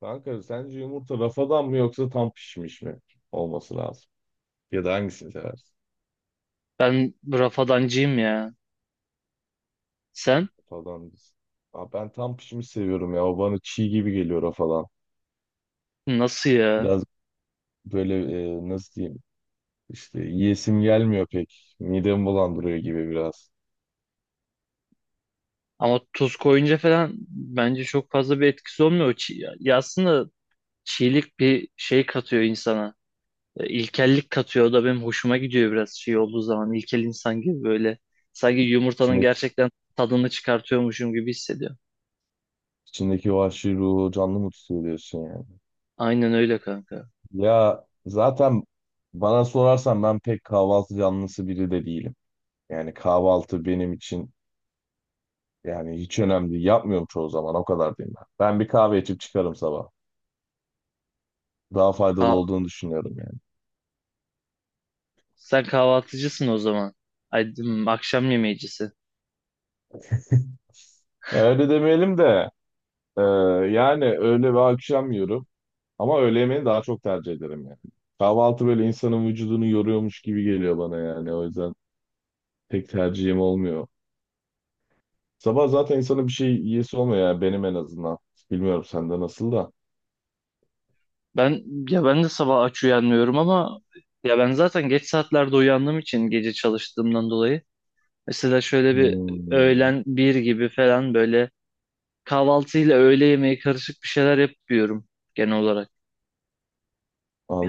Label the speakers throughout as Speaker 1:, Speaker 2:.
Speaker 1: Kanka sence yumurta rafadan mı yoksa tam pişmiş mi olması lazım? Ya da hangisini seversin?
Speaker 2: Ben rafadancıyım ya. Sen?
Speaker 1: Rafadan biz. Aa, ben tam pişmiş seviyorum ya. O bana çiğ gibi geliyor rafadan.
Speaker 2: Nasıl ya?
Speaker 1: Biraz böyle, nasıl diyeyim? İşte yiyesim gelmiyor pek. Midemi bulandırıyor gibi biraz.
Speaker 2: Ama tuz koyunca falan bence çok fazla bir etkisi olmuyor. Ya aslında çiğlik bir şey katıyor insana. İlkellik katıyor. O da benim hoşuma gidiyor biraz şey olduğu zaman. İlkel insan gibi böyle. Sanki yumurtanın
Speaker 1: İçindeki,
Speaker 2: gerçekten tadını çıkartıyormuşum gibi hissediyorum.
Speaker 1: içindeki vahşi ruhu canlı mı tutuyor diyorsun yani?
Speaker 2: Aynen öyle kanka.
Speaker 1: Ya zaten bana sorarsan ben pek kahvaltı canlısı biri de değilim. Yani kahvaltı benim için, yani hiç önemli değil. Yapmıyorum çoğu zaman. O kadar diyeyim ben. Ben bir kahve içip çıkarım sabah. Daha faydalı
Speaker 2: Ha,
Speaker 1: olduğunu düşünüyorum yani.
Speaker 2: sen kahvaltıcısın o zaman. Ay, akşam yemeğicisi.
Speaker 1: Öyle demeyelim de, e, yani öğle ve akşam yiyorum. Ama öğle yemeğini daha çok tercih ederim yani. Kahvaltı böyle insanın vücudunu yoruyormuş gibi geliyor bana yani. O yüzden pek tercihim olmuyor. Sabah zaten insanın bir şey yiyesi olmuyor yani benim en azından. Bilmiyorum sende nasıl da.
Speaker 2: Ben ya ben de sabah aç uyanmıyorum, ama ya ben zaten geç saatlerde uyandığım için, gece çalıştığımdan dolayı, mesela şöyle bir
Speaker 1: Hmm,
Speaker 2: öğlen bir gibi falan, böyle kahvaltıyla öğle yemeği karışık bir şeyler yapıyorum genel olarak.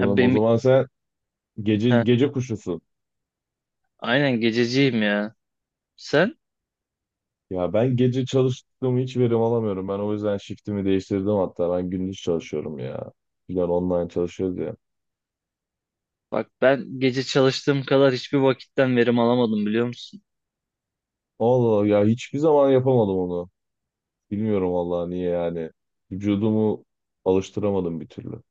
Speaker 2: Ya
Speaker 1: O
Speaker 2: benim
Speaker 1: zaman sen gece
Speaker 2: ha,
Speaker 1: gece kuşusun.
Speaker 2: aynen gececiyim ya. Sen?
Speaker 1: Ya ben gece çalıştığımı hiç verim alamıyorum. Ben o yüzden shiftimi değiştirdim hatta. Ben gündüz çalışıyorum ya. Bizler online çalışıyoruz ya.
Speaker 2: Bak, ben gece çalıştığım kadar hiçbir vakitten verim alamadım, biliyor musun?
Speaker 1: Allah Allah ya hiçbir zaman yapamadım onu. Bilmiyorum vallahi niye yani. Vücudumu alıştıramadım bir türlü.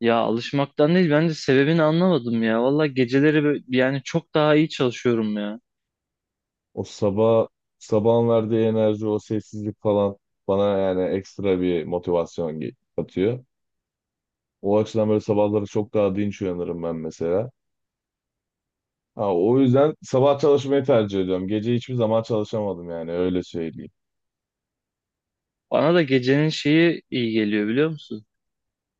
Speaker 2: Ya alışmaktan değil, ben de sebebini anlamadım ya. Valla geceleri yani çok daha iyi çalışıyorum ya.
Speaker 1: O sabah sabahın verdiği enerji, o sessizlik falan bana yani ekstra bir motivasyon katıyor. O açıdan böyle sabahları çok daha dinç uyanırım ben mesela. Ha, o yüzden sabah çalışmayı tercih ediyorum. Gece hiçbir zaman çalışamadım yani öyle söyleyeyim.
Speaker 2: Bana da gecenin şeyi iyi geliyor, biliyor musun?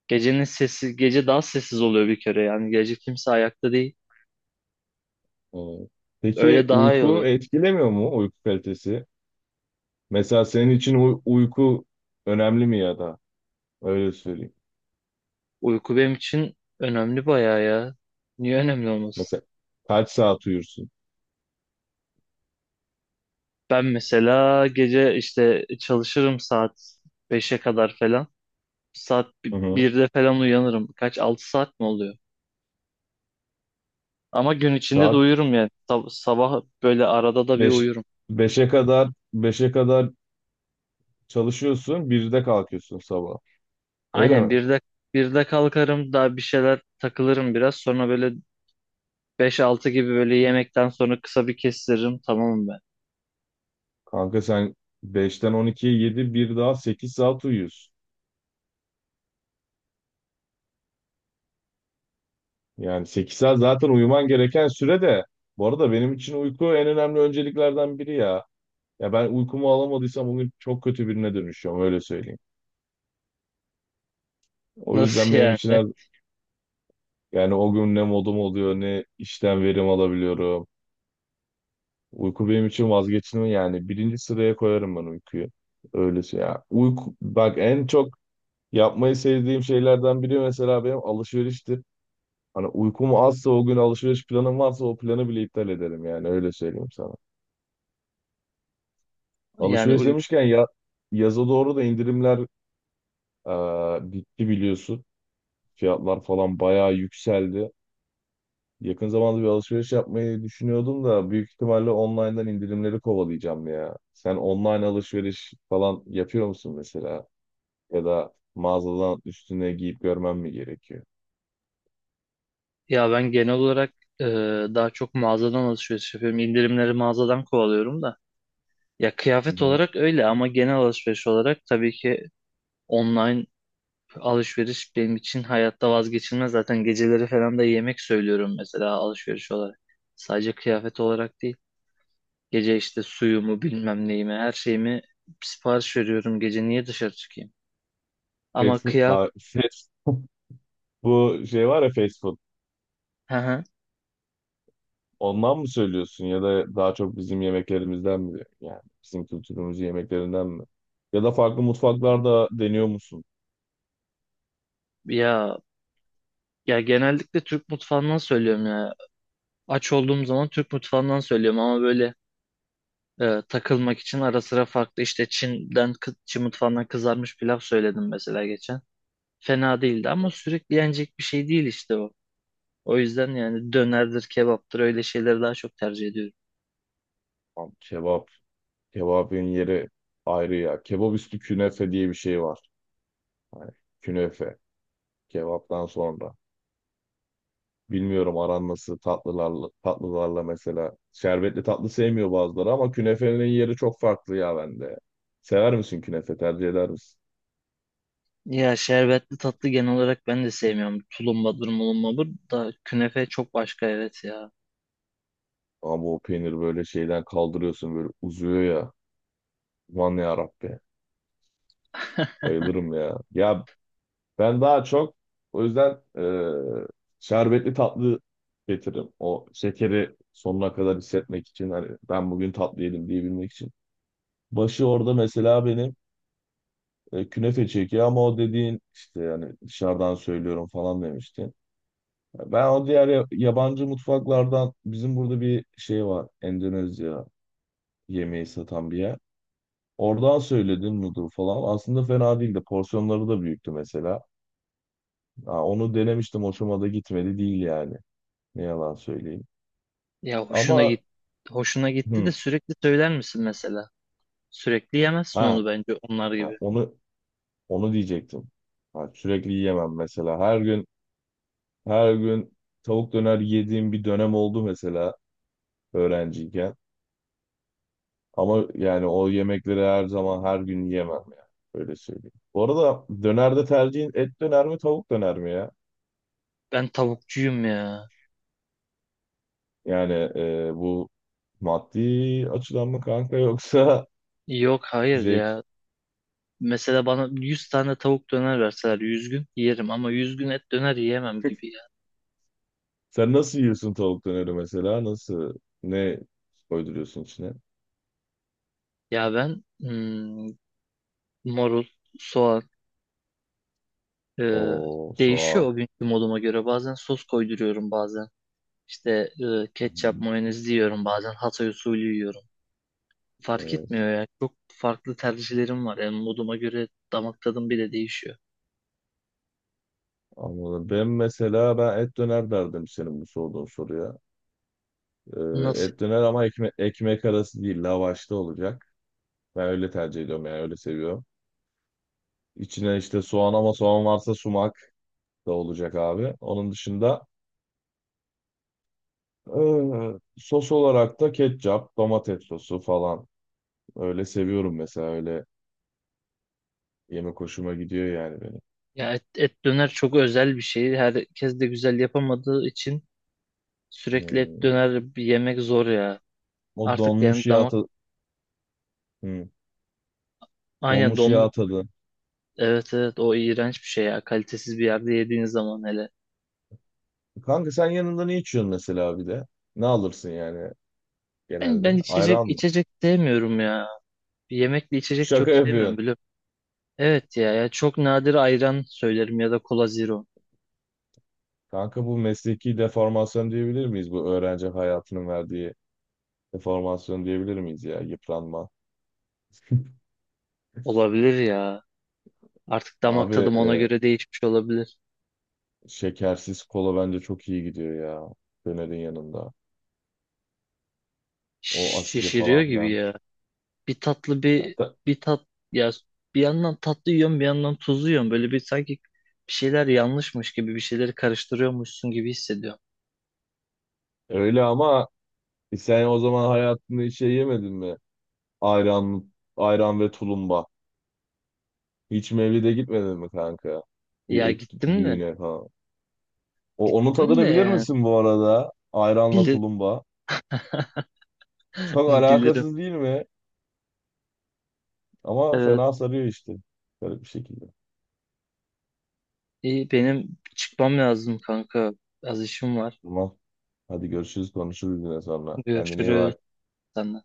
Speaker 2: Gecenin sessiz, gece daha sessiz oluyor bir kere, yani gece kimse ayakta değil.
Speaker 1: Evet. Peki
Speaker 2: Öyle daha iyi
Speaker 1: uyku
Speaker 2: oluyor.
Speaker 1: etkilemiyor mu uyku kalitesi? Mesela senin için uyku önemli mi ya da öyle söyleyeyim.
Speaker 2: Uyku benim için önemli bayağı ya. Niye önemli olmasın?
Speaker 1: Mesela kaç saat uyursun?
Speaker 2: Ben mesela gece işte çalışırım, saat beşe kadar falan. Saat
Speaker 1: Hı hı.
Speaker 2: birde falan uyanırım. Kaç, 6 saat mi oluyor? Ama gün içinde de
Speaker 1: Saat
Speaker 2: uyurum yani. Sabah böyle arada da bir
Speaker 1: 5,
Speaker 2: uyurum.
Speaker 1: 5'e kadar, 5'e kadar çalışıyorsun, 1'de kalkıyorsun sabah. Öyle
Speaker 2: Aynen,
Speaker 1: mi?
Speaker 2: birde kalkarım, daha bir şeyler takılırım biraz. Sonra böyle beş altı gibi, böyle yemekten sonra kısa bir kestiririm. Tamam mı?
Speaker 1: Kanka sen 5'ten 12'ye 7 bir daha 8 saat uyuyorsun. Yani 8 saat zaten uyuman gereken süre de, bu arada benim için uyku en önemli önceliklerden biri ya. Ya ben uykumu alamadıysam bugün çok kötü birine dönüşüyorum öyle söyleyeyim. O yüzden
Speaker 2: Nasıl
Speaker 1: benim
Speaker 2: yani?
Speaker 1: için her, yani o gün ne modum oluyor ne işten verim alabiliyorum. Uyku benim için vazgeçilmez yani birinci sıraya koyarım ben uykuyu. Öylesi ya. Uyku bak en çok yapmayı sevdiğim şeylerden biri mesela benim alışveriştir. Hani uykum azsa o gün alışveriş planım varsa o planı bile iptal ederim yani öyle söyleyeyim sana.
Speaker 2: Yani
Speaker 1: Alışveriş
Speaker 2: uy
Speaker 1: demişken ya yaza doğru da indirimler bitti biliyorsun. Fiyatlar falan bayağı yükseldi. Yakın zamanda bir alışveriş yapmayı düşünüyordum da büyük ihtimalle online'dan indirimleri kovalayacağım ya. Sen online alışveriş falan yapıyor musun mesela? Ya da mağazadan üstüne giyip görmem mi gerekiyor?
Speaker 2: Ya ben genel olarak e, daha çok mağazadan alışveriş yapıyorum. İndirimleri mağazadan kovalıyorum da. Ya
Speaker 1: Hı
Speaker 2: kıyafet
Speaker 1: hı.
Speaker 2: olarak öyle, ama genel alışveriş olarak tabii ki online alışveriş benim için hayatta vazgeçilmez. Zaten geceleri falan da yemek söylüyorum mesela, alışveriş olarak. Sadece kıyafet olarak değil. Gece işte suyumu, bilmem neyimi, her şeyimi sipariş veriyorum. Gece niye dışarı çıkayım?
Speaker 1: Fast
Speaker 2: Ama
Speaker 1: food,
Speaker 2: kıyafet...
Speaker 1: ha, bu şey var ya fast food. Ondan mı söylüyorsun ya da daha çok bizim yemeklerimizden mi? Yani bizim kültürümüzün yemeklerinden mi? Ya da farklı mutfaklarda deniyor musun?
Speaker 2: Ya, ya genellikle Türk mutfağından söylüyorum ya. Aç olduğum zaman Türk mutfağından söylüyorum, ama böyle takılmak için ara sıra farklı, işte Çin'den Çin mutfağından kızarmış pilav söyledim mesela geçen. Fena değildi, ama sürekli yenecek bir şey değil işte o. O yüzden yani dönerdir, kebaptır, öyle şeyleri daha çok tercih ediyorum.
Speaker 1: Lan kebap, kebabın yeri ayrı ya. Kebap üstü künefe diye bir şey var. Hani künefe. Kebaptan sonra. Bilmiyorum aran nasıl tatlılarla mesela. Şerbetli tatlı sevmiyor bazıları ama künefenin yeri çok farklı ya bende. Sever misin künefe? Tercih eder misin?
Speaker 2: Ya şerbetli tatlı genel olarak ben de sevmiyorum. Tulumbadır, mulumbadır, da künefe çok başka, evet ya.
Speaker 1: Ama o peynir böyle şeyden kaldırıyorsun böyle uzuyor ya. Aman ya Rabbi. Bayılırım ya. Ya ben daha çok o yüzden, şerbetli tatlı getiririm. O şekeri sonuna kadar hissetmek için hani ben bugün tatlı yedim diyebilmek için. Başı orada mesela benim, künefe çekiyor ama o dediğin işte yani dışarıdan söylüyorum falan demiştin. Ben o diğer yabancı mutfaklardan bizim burada bir şey var. Endonezya yemeği satan bir yer. Oradan söyledim noodle falan. Aslında fena değildi. Porsiyonları da büyüktü mesela. Ha, onu denemiştim. Hoşuma da gitmedi değil yani. Ne yalan söyleyeyim.
Speaker 2: Ya
Speaker 1: Ama
Speaker 2: hoşuna gitti de
Speaker 1: hı,
Speaker 2: sürekli söyler misin mesela? Sürekli yemezsin
Speaker 1: ha,
Speaker 2: onu bence, onlar
Speaker 1: ha,
Speaker 2: gibi.
Speaker 1: onu onu diyecektim. Ha, sürekli yiyemem mesela. Her gün her gün tavuk döner yediğim bir dönem oldu mesela öğrenciyken. Ama yani o yemekleri her zaman her gün yiyemem ya. Öyle söyleyeyim. Bu arada dönerde tercihin et döner mi tavuk döner mi ya?
Speaker 2: Ben tavukçuyum ya.
Speaker 1: Yani, bu maddi açıdan mı kanka yoksa
Speaker 2: Yok, hayır
Speaker 1: zevk?
Speaker 2: ya. Mesela bana 100 tane tavuk döner verseler, 100 gün yerim, ama 100 gün et döner yiyemem gibi ya.
Speaker 1: Sen nasıl yiyorsun tavuk döneri mesela? Nasıl? Ne koyduruyorsun içine?
Speaker 2: Ya ben marul, soğan, e,
Speaker 1: O
Speaker 2: değişiyor
Speaker 1: soğan.
Speaker 2: o günkü moduma göre. Bazen sos koyduruyorum, bazen. İşte
Speaker 1: Hı hı.
Speaker 2: ketçap, mayonez yiyorum bazen. Hatay usulü yiyorum. Fark
Speaker 1: Evet.
Speaker 2: etmiyor ya. Çok farklı tercihlerim var. Yani moduma göre damak tadım bile değişiyor.
Speaker 1: Anladım. Ben mesela ben et döner derdim senin bu sorduğun soruya. Ee,
Speaker 2: Nasıl?
Speaker 1: et döner ama ekmek arası değil, lavaşta olacak. Ben öyle tercih ediyorum yani öyle seviyorum. İçine işte soğan ama soğan varsa sumak da olacak abi. Onun dışında, sos olarak da ketçap, domates sosu falan. Öyle seviyorum mesela öyle yemek hoşuma gidiyor yani benim.
Speaker 2: Ya et döner çok özel bir şey. Herkes de güzel yapamadığı için sürekli et
Speaker 1: Hmm.
Speaker 2: döner bir yemek zor ya.
Speaker 1: O
Speaker 2: Artık yani
Speaker 1: donmuş yağ
Speaker 2: damak
Speaker 1: tadı. Hmm.
Speaker 2: aynen
Speaker 1: Donmuş
Speaker 2: donmuş.
Speaker 1: yağ tadı.
Speaker 2: Evet, evet, o iğrenç bir şey ya. Kalitesiz bir yerde yediğiniz zaman hele.
Speaker 1: Kanka sen yanında ne içiyorsun mesela bir de? Ne alırsın yani
Speaker 2: Ben,
Speaker 1: genelde?
Speaker 2: ben içecek
Speaker 1: Ayran mı?
Speaker 2: içecek sevmiyorum ya. Yemekli içecek çok
Speaker 1: Şaka yapıyorsun.
Speaker 2: sevmiyorum, biliyorum. Evet ya, ya çok nadir ayran söylerim ya da kola zero.
Speaker 1: Kanka bu mesleki deformasyon diyebilir miyiz? Bu öğrenci hayatının verdiği deformasyon diyebilir miyiz ya? Yıpranma.
Speaker 2: Olabilir ya. Artık damak
Speaker 1: Abi,
Speaker 2: tadım ona göre değişmiş olabilir.
Speaker 1: şekersiz kola bence çok iyi gidiyor ya. Dönerin yanında. O asidi
Speaker 2: Şişiriyor
Speaker 1: falan
Speaker 2: gibi
Speaker 1: filan.
Speaker 2: ya. Bir tatlı
Speaker 1: Ya
Speaker 2: bir,
Speaker 1: da-
Speaker 2: bir tat, ya, bir yandan tatlı yiyorum, bir yandan tuzlu yiyorum. Böyle bir, sanki bir şeyler yanlışmış gibi, bir şeyleri karıştırıyormuşsun gibi hissediyorum.
Speaker 1: Öyle ama sen o zaman hayatında hiç şey yemedin mi? Ayran, ayran ve tulumba. Hiç mevlide gitmedin mi kanka? Bir
Speaker 2: Ya
Speaker 1: etki,
Speaker 2: gittim de
Speaker 1: düğüne falan. Onun
Speaker 2: gittim de
Speaker 1: tadını bilir
Speaker 2: yani
Speaker 1: misin bu arada? Ayranla
Speaker 2: bilir
Speaker 1: tulumba. Çok
Speaker 2: bilirim.
Speaker 1: alakasız değil mi? Ama
Speaker 2: Evet,
Speaker 1: fena sarıyor işte. Garip bir şekilde.
Speaker 2: iyi, benim çıkmam lazım kanka. Az işim var.
Speaker 1: Tamam. Hadi görüşürüz konuşuruz yine sonra. Kendine iyi
Speaker 2: Görüşürüz.
Speaker 1: bak.
Speaker 2: Sen de.